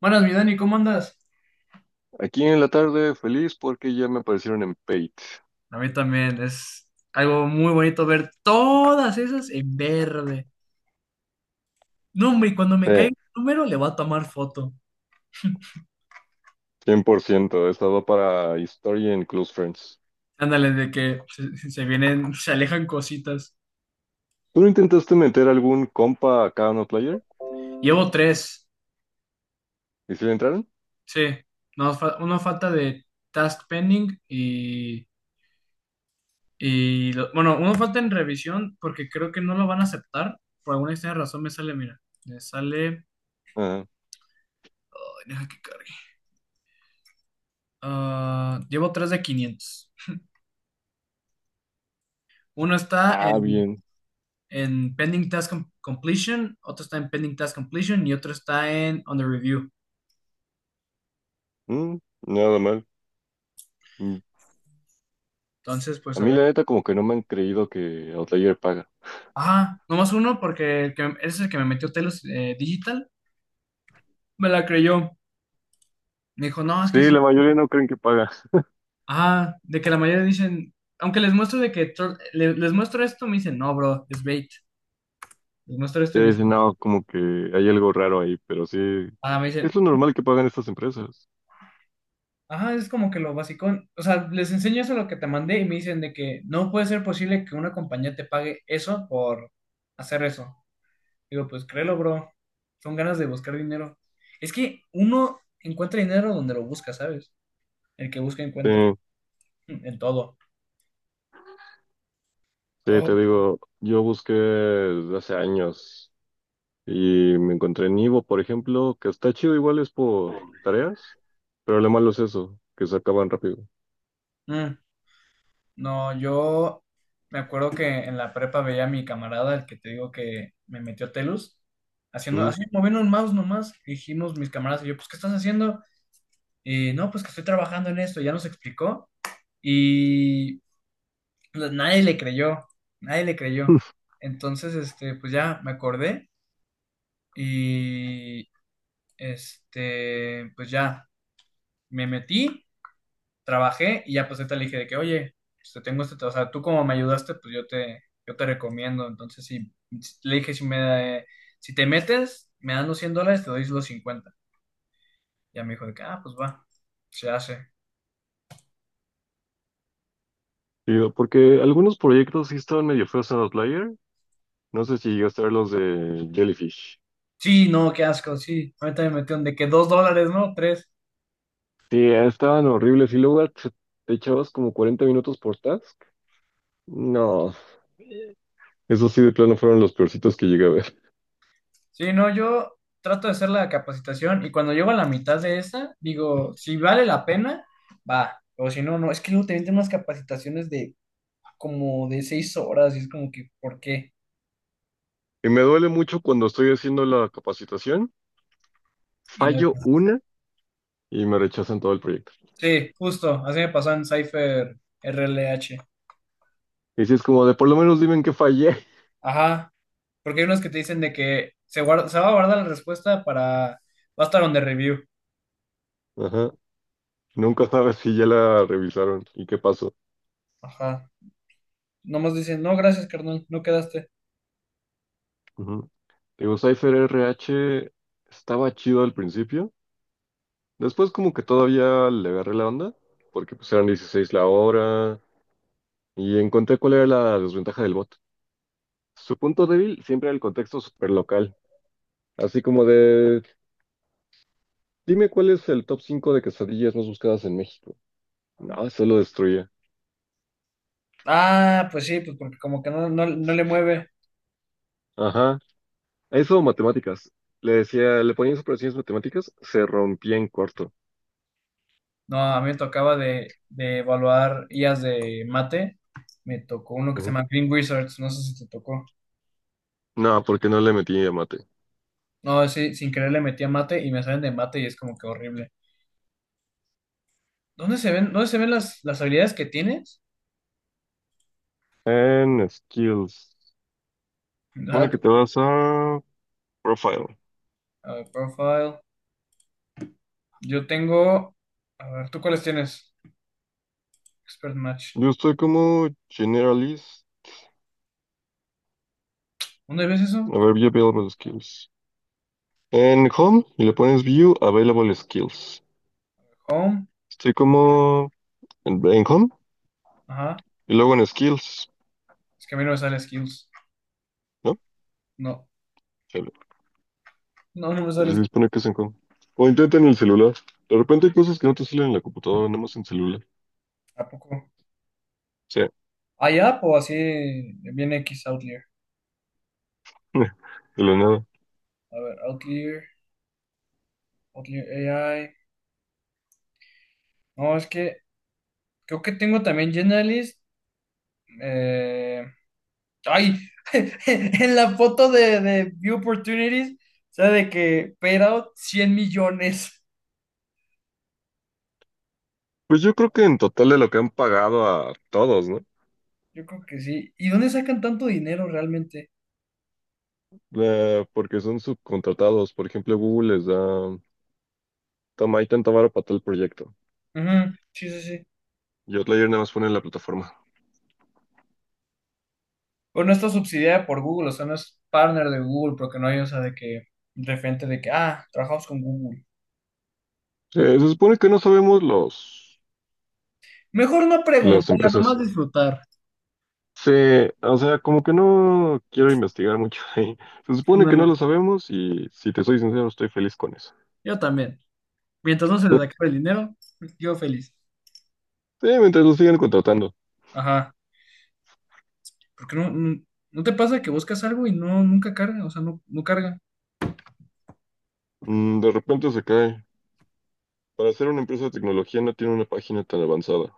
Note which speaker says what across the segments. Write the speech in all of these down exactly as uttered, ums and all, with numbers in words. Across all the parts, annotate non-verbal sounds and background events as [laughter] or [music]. Speaker 1: Buenas, mi Dani, ¿cómo andas?
Speaker 2: Aquí en la tarde feliz porque ya me aparecieron en Paid.
Speaker 1: A mí también es algo muy bonito ver todas esas en verde. No, hombre, y cuando me caiga
Speaker 2: Sí,
Speaker 1: un número le voy a tomar foto.
Speaker 2: cien por ciento va para historia en Close Friends.
Speaker 1: Ándale, de que se, se vienen, se alejan cositas.
Speaker 2: ¿Tú no intentaste meter algún compa a cada uno player?
Speaker 1: Llevo tres,
Speaker 2: ¿Y si le entraron?
Speaker 1: sí. No, fa- uno falta de task pending y, y lo- bueno, uno falta en revisión porque creo que no lo van a aceptar. Por alguna extraña razón me sale, mira, me sale...
Speaker 2: Ajá.
Speaker 1: Ay, deja que cargue. Ah, llevo tres de quinientos. Uno está
Speaker 2: Ah,
Speaker 1: en
Speaker 2: bien.
Speaker 1: en Pending Task Completion, otro está en Pending Task Completion y otro está en Under Review.
Speaker 2: Mm, nada mal. Mm.
Speaker 1: Entonces,
Speaker 2: A
Speaker 1: pues a
Speaker 2: mí
Speaker 1: ver.
Speaker 2: la neta como que no me han creído que Outlier paga.
Speaker 1: Ah, nomás uno porque el que, es el que me metió Telos, eh, Digital. Me la creyó. Me dijo, no, es
Speaker 2: Sí,
Speaker 1: que sí.
Speaker 2: la mayoría no creen que paga.
Speaker 1: Ah, de que la mayoría dicen, aunque les muestro de que tro- le- les muestro esto, me dicen, no, bro, es bait. Les muestro esto
Speaker 2: Sí,
Speaker 1: y me
Speaker 2: dicen,
Speaker 1: dicen,
Speaker 2: no, como que hay algo raro ahí, pero sí,
Speaker 1: ah, me dicen,
Speaker 2: es lo normal que pagan estas empresas.
Speaker 1: ajá, es como que lo basicón. O sea, les enseño eso lo que te mandé y me dicen de que no puede ser posible que una compañía te pague eso por hacer eso. Digo, pues créelo, bro. Son ganas de buscar dinero. Es que uno encuentra dinero donde lo busca, ¿sabes? El que busca
Speaker 2: Sí,
Speaker 1: encuentra. Mm. En todo.
Speaker 2: sí,
Speaker 1: Oh.
Speaker 2: te digo, yo busqué desde hace años. Y me encontré en Ivo, por ejemplo, que está chido, igual es por tareas, pero lo malo es eso, que se acaban rápido.
Speaker 1: Mm. No, yo me acuerdo que en la prepa veía a mi camarada, el que te digo que me metió Telus, haciendo,
Speaker 2: Ujú.
Speaker 1: así moviendo un mouse nomás. Y dijimos mis camaradas y yo, pues, ¿qué estás haciendo? Y no, pues que estoy trabajando en esto, ya nos explicó. Y pues, nadie le creyó, nadie le creyó.
Speaker 2: [laughs]
Speaker 1: Entonces, este, pues ya me acordé. Y este, pues ya, me metí, trabajé y ya pues ahorita le dije de que, oye, pues, te tengo este, o sea, tú como me ayudaste, pues yo te, yo te recomiendo. Entonces, sí, le dije, si me, si te metes, me dan los cien dólares, te doy los cincuenta. Ya me dijo de que, ah, pues va, se hace.
Speaker 2: Digo, porque algunos proyectos sí estaban medio feos en Outlier. No sé si llegaste a ver los de Jellyfish.
Speaker 1: Sí, no, qué asco, sí. Ahorita me metió de que dos dólares, ¿no? tres.
Speaker 2: Sí, estaban horribles. Y luego te te echabas como cuarenta minutos por task. No, esos sí de plano fueron los peorcitos que llegué a ver.
Speaker 1: Sí, no, yo trato de hacer la capacitación y cuando llego a la mitad de esa, digo, si vale la pena, va, o si no, no, es que luego te venden unas capacitaciones de como de seis horas y es como que, ¿por qué?
Speaker 2: Y me duele mucho cuando estoy haciendo la capacitación,
Speaker 1: Y no-
Speaker 2: fallo una y me rechazan todo el proyecto.
Speaker 1: sí, justo, así me pasó en Cypher R L H.
Speaker 2: Y si es como de por lo menos dime en qué fallé.
Speaker 1: Ajá, porque hay unos que te dicen de que se guarda, se va a guardar la respuesta para, va a estar on the review.
Speaker 2: [laughs] Ajá. Nunca sabes si ya la revisaron y qué pasó.
Speaker 1: Ajá, nomás dicen, no, gracias, carnal, no quedaste.
Speaker 2: Ujú. Digo, Cypher R H estaba chido al principio. Después como que todavía le agarré la onda, porque pues eran dieciséis la hora y encontré cuál era la desventaja del bot. Su punto débil siempre era el contexto super local, así como de, dime cuál es el top cinco de quesadillas más buscadas en México. No, eso lo destruye.
Speaker 1: Ah, pues sí, pues porque como que no, no, no le mueve.
Speaker 2: Ajá. Eso, matemáticas. Le decía, le ponías operaciones matemáticas, se rompía en corto.
Speaker 1: No, a mí me tocaba de, de evaluar I As de mate. Me tocó uno que se
Speaker 2: Ujú.
Speaker 1: llama Green Wizards, no sé si te tocó.
Speaker 2: No, porque no le metí a mate.
Speaker 1: No, sí, sin querer le metí a mate y me salen de mate y es como que horrible. ¿Dónde se ven, dónde se ven las, las habilidades que tienes?
Speaker 2: En skills. Supone
Speaker 1: Hack,
Speaker 2: que te vas a profile.
Speaker 1: a ver, profile. Yo tengo. A ver, ¿tú cuáles tienes? Expert Match.
Speaker 2: Yo estoy como generalist.
Speaker 1: ¿Dónde ves eso?
Speaker 2: A ver, view available skills. En home y le pones view available skills.
Speaker 1: Home.
Speaker 2: Estoy como en, en home
Speaker 1: Ajá.
Speaker 2: y luego en skills,
Speaker 1: Es que a mí no me sale skills.
Speaker 2: ¿no?
Speaker 1: No,
Speaker 2: Chale.
Speaker 1: no, no me
Speaker 2: Pero
Speaker 1: sale.
Speaker 2: se supone que es en home. O intenta en el celular. De repente hay cosas que no te salen en la computadora, nada más en celular.
Speaker 1: ¿A poco?
Speaker 2: Sí.
Speaker 1: ¿Hay app o así? Viene X Outlier.
Speaker 2: [laughs] De la nada.
Speaker 1: A ver, Outlier. Kotlin A I. No, es que creo que tengo también Generalist. eh, ay, [laughs] en la foto de, de View Opportunities, o sea, de que paid out cien millones.
Speaker 2: Pues yo creo que en total de lo que han pagado a todos, ¿no?
Speaker 1: Yo creo que sí. ¿Y dónde sacan tanto dinero realmente?
Speaker 2: Eh, porque son subcontratados. Por ejemplo, Google les da, toma, hay tanta vara para tal proyecto.
Speaker 1: Ujú, sí, sí, sí.
Speaker 2: Y Outlier nada más pone en la plataforma.
Speaker 1: Bueno, no está subsidiada por Google, o sea, no es partner de Google, porque no hay, o sea, de que de frente de que, ah, trabajamos con Google.
Speaker 2: Eh, se supone que no sabemos los,
Speaker 1: Mejor no
Speaker 2: las
Speaker 1: preguntar, nomás
Speaker 2: empresas.
Speaker 1: disfrutar.
Speaker 2: Sí, o sea, como que no quiero investigar mucho ahí. Se supone que
Speaker 1: Ándale.
Speaker 2: no lo sabemos y si te soy sincero, estoy feliz con eso.
Speaker 1: Yo también. Mientras no se les
Speaker 2: [laughs]
Speaker 1: acabe el dinero, yo feliz.
Speaker 2: Sí, mientras lo sigan contratando.
Speaker 1: Ajá, porque no, no, ¿no te pasa que buscas algo y no, nunca carga, o sea, no, no carga?
Speaker 2: Mm, de repente se cae. Para ser una empresa de tecnología no tiene una página tan avanzada.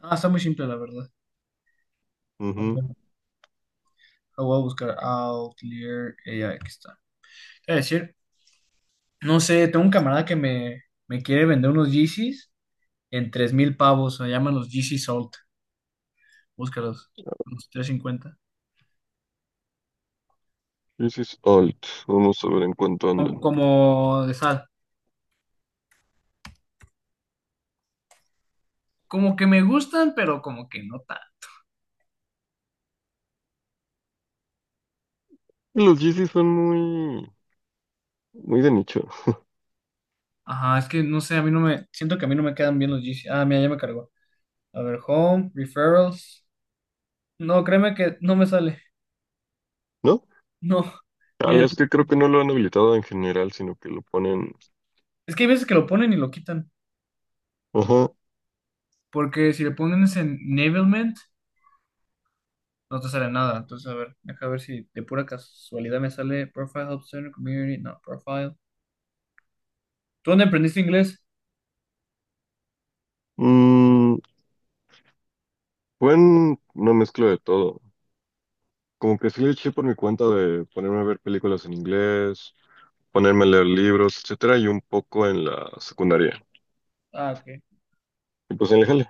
Speaker 1: Ah, está muy simple, la verdad. A ver, lo voy a buscar Outlier A I, aquí está. Es decir, no sé, tengo un camarada que me, me quiere vender unos Yeezys en tres mil pavos, se llaman los Yeezy Salt, búscalos, unos cincuenta.
Speaker 2: Yeezys Alt. Vamos a ver en cuánto
Speaker 1: Como,
Speaker 2: andan.
Speaker 1: como de sal. Como que me gustan, pero como que no tan.
Speaker 2: Los Yeezys son muy, muy de nicho,
Speaker 1: Ajá, es que no sé, a mí no me, siento que a mí no me quedan bien los Yeezy. Ah, mira, ya me cargó. A ver, Home, Referrals. No, créeme que no me sale.
Speaker 2: ¿no?
Speaker 1: No. [laughs] Y
Speaker 2: Chale,
Speaker 1: Es
Speaker 2: es que creo que no lo han habilitado en general, sino que lo ponen.
Speaker 1: es que hay veces que lo ponen y lo quitan.
Speaker 2: Ajá.
Speaker 1: Porque si le ponen ese enablement, no te sale nada. Entonces, a ver, deja ver si de pura casualidad me sale Profile Help Center Community, no, Profile. ¿Tú dónde aprendiste inglés?
Speaker 2: Mm, buen, una mezcla de todo. Como que sí le eché por mi cuenta de ponerme a ver películas en inglés, ponerme a leer libros, etcétera, y un poco en la secundaria.
Speaker 1: Ah, ok.
Speaker 2: Y pues en el jale.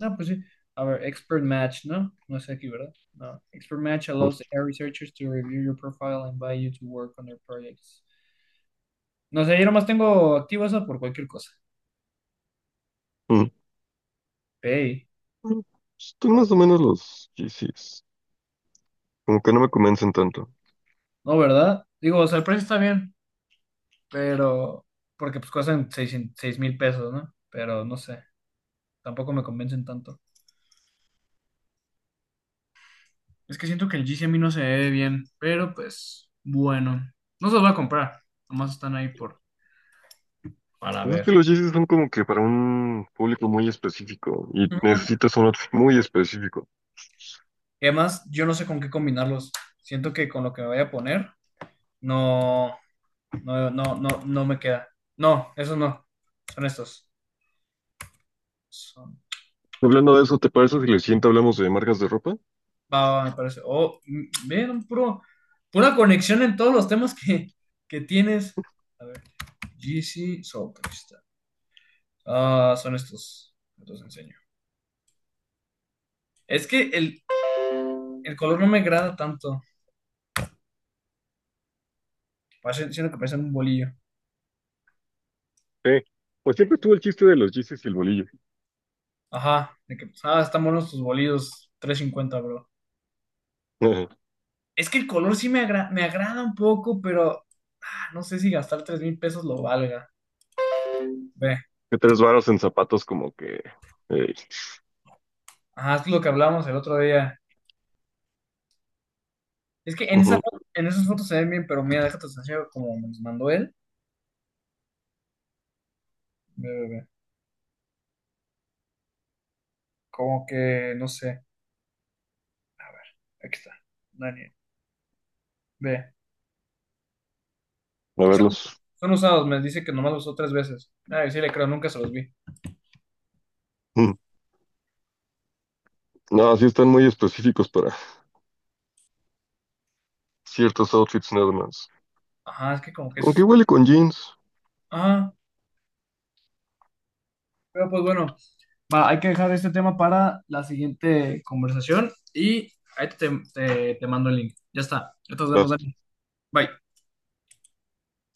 Speaker 1: No, pues sí. A ver, Expert Match, ¿no? No sé aquí, ¿verdad? No. Expert Match
Speaker 2: Mm,
Speaker 1: allows A I researchers to review your profile and invite you to work on their projects. No sé, yo nomás tengo activo eso por cualquier cosa. Pay.
Speaker 2: mm. Están
Speaker 1: A ver.
Speaker 2: más o menos los Yeezys. Como que no me convencen tanto.
Speaker 1: No, ¿verdad? Digo, o sea, el precio está bien, pero porque pues cuestan seis, seis mil pesos, ¿no? Pero no sé, tampoco me convencen tanto. Es que siento que el G C a mí no se ve bien, pero pues bueno, no se los voy a comprar, nomás están ahí por para
Speaker 2: Pues es que
Speaker 1: ver.
Speaker 2: los chistes son como que para un público muy específico y
Speaker 1: Ujú.
Speaker 2: necesitas un outfit muy específico.
Speaker 1: Y además, yo no sé con qué combinarlos. Siento que con lo que me vaya a poner, no, no, no, no, no me queda. No, esos no. Son estos. Son,
Speaker 2: Hablando de eso, ¿te parece si le siento hablamos de marcas de ropa?
Speaker 1: Va, va, va, me parece. Oh, mm, ven, un puro, pura conexión en todos los temas que, que tienes. A ver. G C Soul Crystal. Ah, son estos. Los enseño. Es que el, el color no me agrada tanto. Parece- Siento que parecen un bolillo.
Speaker 2: Eh, pues siempre estuvo el chiste de los Yeezys y el bolillo.
Speaker 1: Ajá. De que, ah, están buenos tus bolillos. Tres cincuenta, bro.
Speaker 2: Ajá. [laughs]
Speaker 1: Es que el color sí me, agra- me agrada un poco, pero ah, no sé si gastar tres mil pesos lo valga. Ve.
Speaker 2: Que tres varas en zapatos como que... eh,
Speaker 1: Ajá, es lo que hablamos el otro día. Es que en, esa,
Speaker 2: ujú.
Speaker 1: fo- en esas fotos se ven bien, pero mira, déjate enseñar como me los mandó él. Ve, ve, ve. Como que, no sé. A ver, aquí está. Daniel. Ve.
Speaker 2: A
Speaker 1: Pues Son,
Speaker 2: verlos.
Speaker 1: son usados, me dice que nomás los usó tres veces. Ay, sí le creo, nunca se los vi.
Speaker 2: Mm. No, sí están muy específicos para ciertos outfits nada más.
Speaker 1: Ajá, es que como que
Speaker 2: Aunque
Speaker 1: es...
Speaker 2: igual y con jeans.
Speaker 1: Ah, pero pues bueno, va, hay que dejar este tema para la siguiente conversación y ahí te, te, te mando el link. Ya está, ya nos vemos, Dani. Bye.